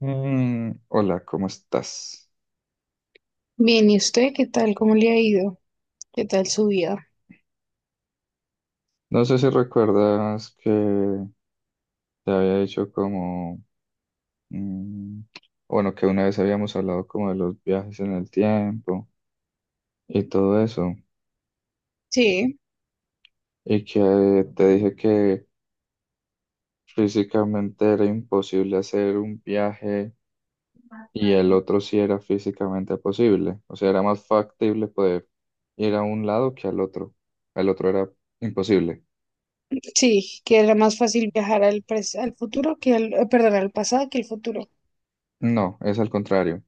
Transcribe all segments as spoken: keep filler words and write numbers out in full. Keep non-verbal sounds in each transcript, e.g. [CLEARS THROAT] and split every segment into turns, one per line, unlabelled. Mm, hola, ¿cómo estás?
Bien, ¿y usted qué tal? ¿Cómo le ha ido? ¿Qué tal su vida?
No sé si recuerdas que te había dicho como, mm, bueno, que una vez habíamos hablado como de los viajes en el tiempo y todo eso,
Sí,
y que te dije que físicamente era imposible hacer un viaje y el otro sí era físicamente posible, o sea, era más factible poder ir a un lado que al otro, el otro era imposible.
sí, que era más fácil viajar al, pres- al futuro que al, eh, perdón, al pasado que al futuro.
No, es al contrario.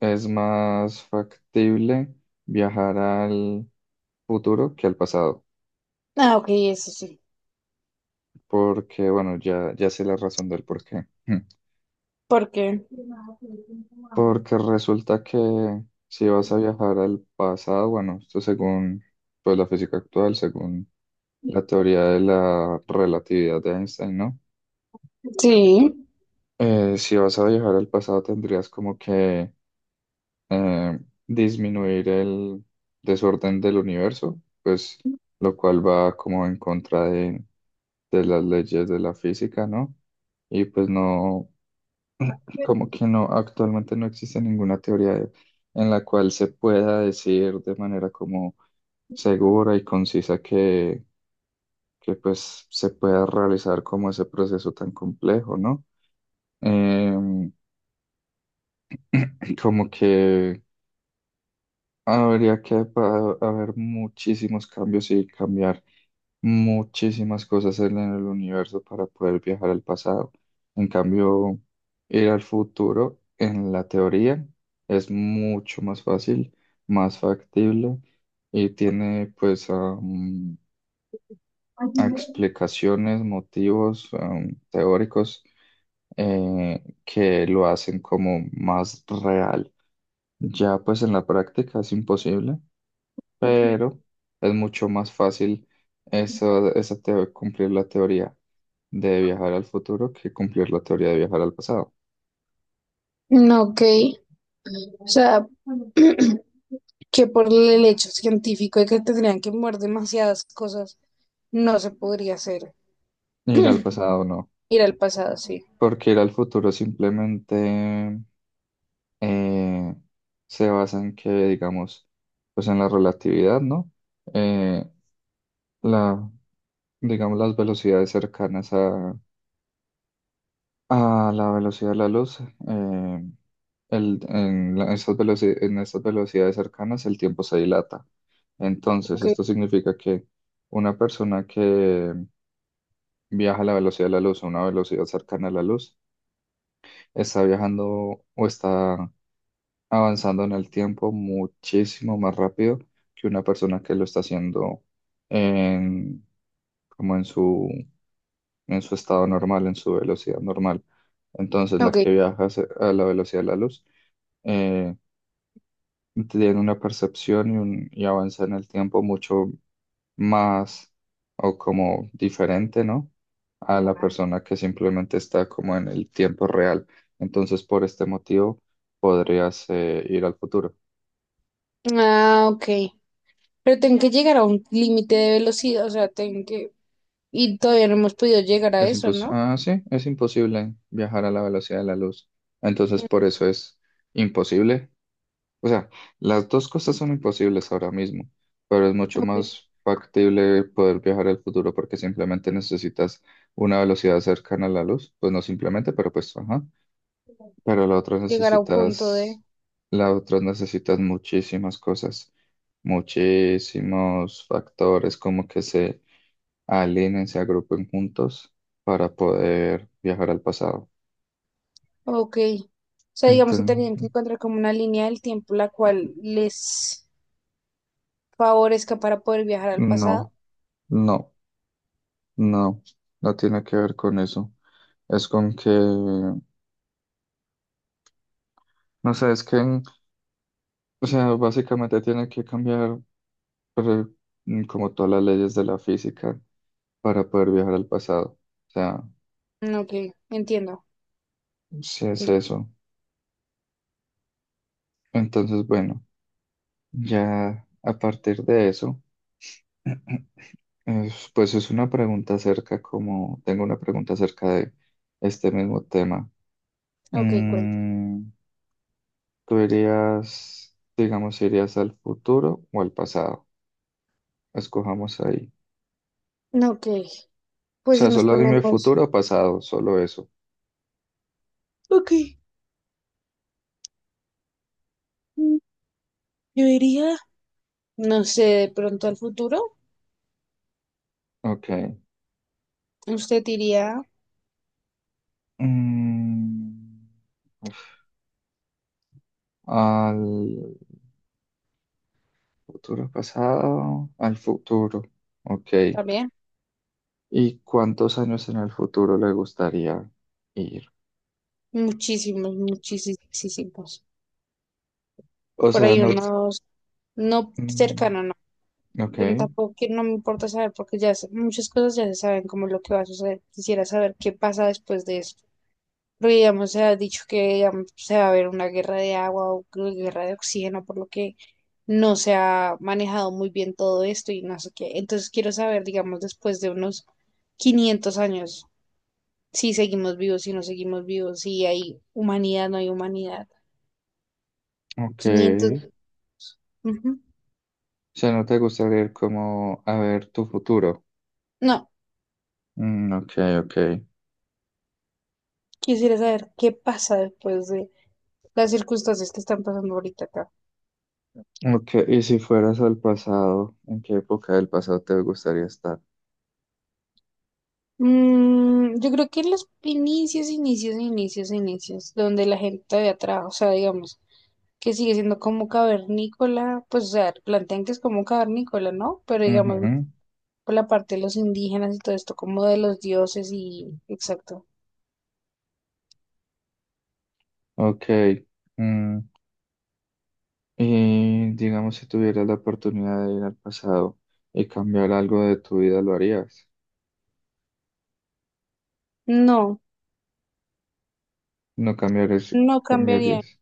Es más factible viajar al futuro que al pasado,
Ah, ok, eso sí.
porque bueno, ya, ya sé la razón del por qué. Hmm.
¿Por qué?
Porque resulta que si vas a viajar al pasado, bueno, esto según pues, la física actual, según la teoría de la relatividad de Einstein, ¿no?
Sí,
Eh, si vas a viajar al pasado tendrías como que eh, disminuir el desorden del universo, pues lo cual va como en contra de de las leyes de la física, ¿no? Y pues no, como que no, actualmente no existe ninguna teoría de- en la cual se pueda decir de manera como segura y concisa que, que pues se pueda realizar como ese proceso tan complejo, ¿no? Em, [CLEARS THROAT] como que habría que pa- haber muchísimos cambios y cambiar. Muchísimas cosas en el universo para poder viajar al pasado. En cambio, ir al futuro, en la teoría, es mucho más fácil, más factible y tiene pues am, explicaciones, motivos am, teóricos eh, que lo hacen como más real. Ya pues en la práctica es imposible pero es mucho más fácil eso, esa teo- cumplir la teoría de viajar al futuro que cumplir la teoría de viajar al pasado.
no, ok. O sea, [CLEARS THROAT] que por el hecho científico de que tendrían que mover demasiadas cosas, no se podría hacer.
Ir al pasado no,
[CLEARS THROAT] Ir al pasado, sí.
porque ir al futuro simplemente eh, se basa en que, digamos, pues en la relatividad, ¿no? Eh, la, digamos, las velocidades cercanas a, a la velocidad de la luz, eh, el- en la- esas veloci- en estas velocidades cercanas el tiempo se dilata. Entonces,
Ok,
esto significa que una persona que viaja a la velocidad de la luz, a una velocidad cercana a la luz, está viajando o está avanzando en el tiempo muchísimo más rápido que una persona que lo está haciendo en, como en su, en su estado normal, en su velocidad normal. Entonces, la
ok.
que viaja a la velocidad de la luz, eh, tienen una percepción y, un, y avanza en el tiempo mucho más o como diferente, ¿no? A la persona que simplemente está como en el tiempo real. Entonces, por este motivo, podrías eh, ir al futuro.
Ah, ok. Pero tengo que llegar a un límite de velocidad, o sea, tengo que... Y todavía no hemos podido llegar a
Es
eso,
impos-
¿no?
ah, sí, es imposible viajar a la velocidad de la luz. Entonces,
Mm.
por eso es imposible. O sea, las dos cosas son imposibles ahora mismo, pero es mucho
Ok.
más factible poder viajar al futuro porque simplemente necesitas una velocidad cercana a la luz, pues no simplemente, pero pues ajá, pero la otra
Llegar a un punto de...
necesitas, la otra necesitas muchísimas cosas, muchísimos factores como que se alineen, se agrupen juntos para poder viajar al pasado.
Ok. O sea, digamos que
Entonces,
tenían que encontrar como una línea del tiempo la cual les favorezca para poder viajar al
no,
pasado.
no, no, no tiene que ver con eso. Es con que, no sé, es que, o sea, básicamente tiene que cambiar pero, mm, como todas las leyes de la física para poder viajar al pasado. O sea,
Mm, ok, entiendo.
si es eso. Entonces, bueno, ya a partir de eso, [CLEARS THROAT] es- pues es una pregunta acerca, como tengo una pregunta acerca de este mismo tema.
Ok, cuenta.
Mm, ¿Tú irías, digamos, irías al futuro o al pasado? Escojamos ahí.
No, ok,
O
pues si
sea,
nos
solo dime
ponemos...
futuro o pasado, solo eso.
Ok, mm, yo iría, no sé, de pronto al futuro.
Ok.
Usted iría
Mm, uf, Al futuro pasado, al futuro. Ok.
también
¿Y cuántos años en el futuro le gustaría ir?
muchísimos, muchísimos.
O
Por
sea,
ahí
no...
unos, no
mm,
cercano, no.
Ok,
Bueno, tampoco que no me importa saber porque ya se- muchas cosas ya se saben como lo que va a suceder. Quisiera saber qué pasa después de esto. Porque digamos, se ha dicho que digamos, se va a haber una guerra de agua o que- guerra de oxígeno, por lo que no se ha manejado muy bien todo esto y no sé qué. Entonces quiero saber, digamos, después de unos quinientos años, si seguimos vivos, si no seguimos vivos, si hay humanidad, no hay humanidad. Quinientos,
ok.
ujú.
O sea, ¿no te gustaría ir como a ver tu futuro?
No.
Mm, ok, ok.
Quisiera saber qué pasa después de las circunstancias que están pasando ahorita acá.
Ok, ¿y si fueras al pasado, en qué época del pasado te gustaría estar?
Mm, yo creo que en los inicios, inicios, inicios, inicios, donde la gente de atrás, o sea, digamos, que sigue siendo como cavernícola, pues, o sea, plantean que es como cavernícola, ¿no? Pero digamos,
Ujú.
por la parte de los indígenas y todo esto, como de los dioses y, exacto.
Ok. mm, Y digamos, si tuvieras la oportunidad de ir al pasado y cambiar algo de tu vida, ¿lo harías?
No,
No cambiarías,
no cambiaría,
cambiarías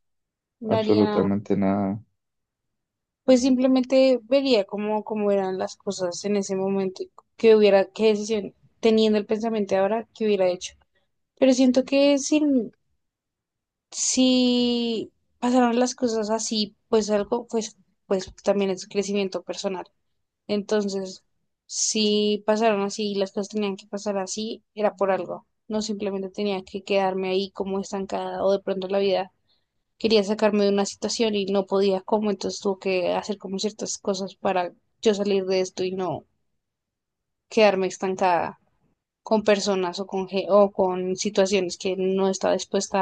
no haría.
absolutamente nada.
Pues simplemente vería cómo, cómo eran las cosas en ese momento, y qué hubiera, qué decisión, teniendo el pensamiento de ahora, qué hubiera hecho. Pero siento que si, si pasaron las cosas así, pues algo, pues, pues también es crecimiento personal. Entonces, si pasaron así y las cosas tenían que pasar así, era por algo. No simplemente tenía que quedarme ahí como estancada o de pronto la vida quería sacarme de una situación y no podía cómo, entonces tuve que hacer como ciertas cosas para yo salir de esto y no quedarme estancada con personas o con, ge- o con situaciones que no estaba dispuesta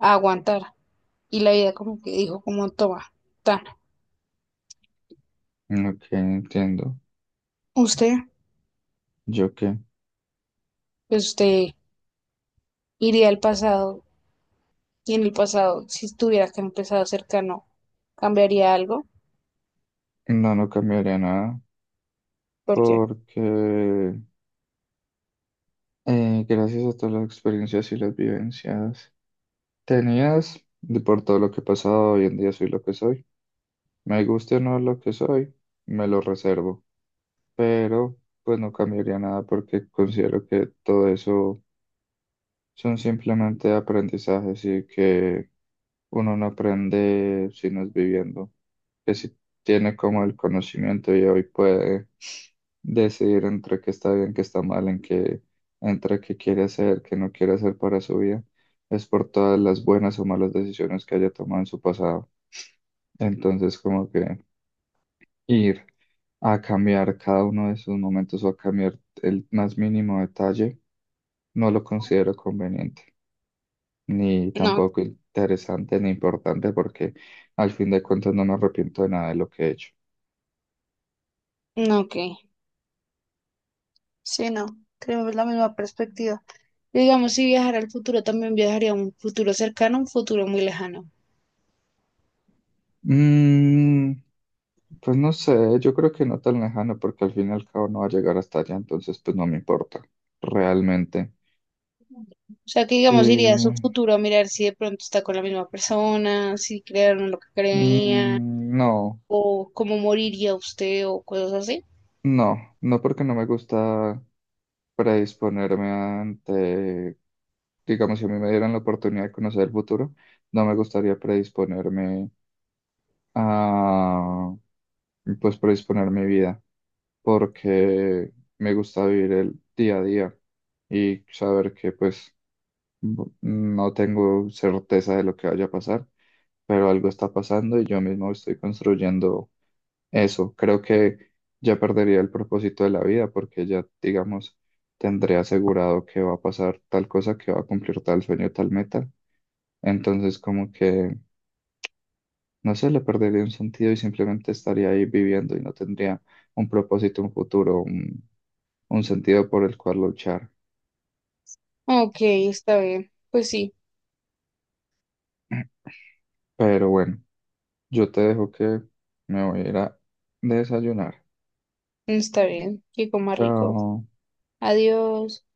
a aguantar. Y la vida como que dijo como, toma, tan,
Ok, entiendo.
usted,
¿Yo qué?
pues usted iría al pasado y en el pasado, si estuviera que empezado cercano, cambiaría algo,
No, no cambiaría nada
porque
porque eh, gracias a todas las experiencias y las vivencias tenías, de por todo lo que he pasado, hoy en día soy lo que soy. Me guste o no lo que soy, me lo reservo. Pero pues no cambiaría nada porque considero que todo eso son simplemente aprendizajes y que uno no aprende si no es viviendo, que si tiene como el conocimiento y hoy puede decidir entre qué está bien, qué está mal, en qué, entre qué quiere hacer, qué no quiere hacer para su vida, es por todas las buenas o malas decisiones que haya tomado en su pasado. Entonces como que ir a cambiar cada uno de esos momentos o a cambiar el más mínimo detalle no lo considero conveniente, ni
no,
tampoco interesante ni importante porque al fin de cuentas no me arrepiento de nada de lo que he hecho.
no, que, sí, no, tenemos la misma perspectiva. Digamos, si viajara al futuro, también viajaría a un futuro cercano, un futuro muy lejano.
Mm, pues no sé, yo creo que no tan lejano porque al fin y al cabo no va a llegar hasta allá, entonces pues no me importa, realmente.
O sea, que
Sí,
digamos, iría a su
mm,
futuro a mirar si de pronto está con la misma persona, si crearon lo que creían,
no,
o cómo moriría usted, o cosas así.
no, no porque no me gusta predisponerme ante, digamos, si a mí me dieran la oportunidad de conocer el futuro, no me gustaría predisponerme a y, pues predisponer mi vida, porque me gusta vivir el día a día y saber que pues b- no tengo certeza de lo que vaya a pasar, pero algo está pasando y yo mismo estoy construyendo eso. Creo que ya perdería el propósito de la vida porque ya, digamos, tendré asegurado que va a pasar tal cosa, que va a cumplir tal sueño, tal meta. Entonces, como que no sé, le perdería un sentido y simplemente estaría ahí viviendo y no tendría un propósito, un futuro, un, un sentido por el cual luchar.
Ok, está bien. Pues sí,
[CLEARS THROAT] Pero bueno, yo te dejo que me voy a ir a desayunar.
está bien. Y coma rico.
Chao.
Adiós.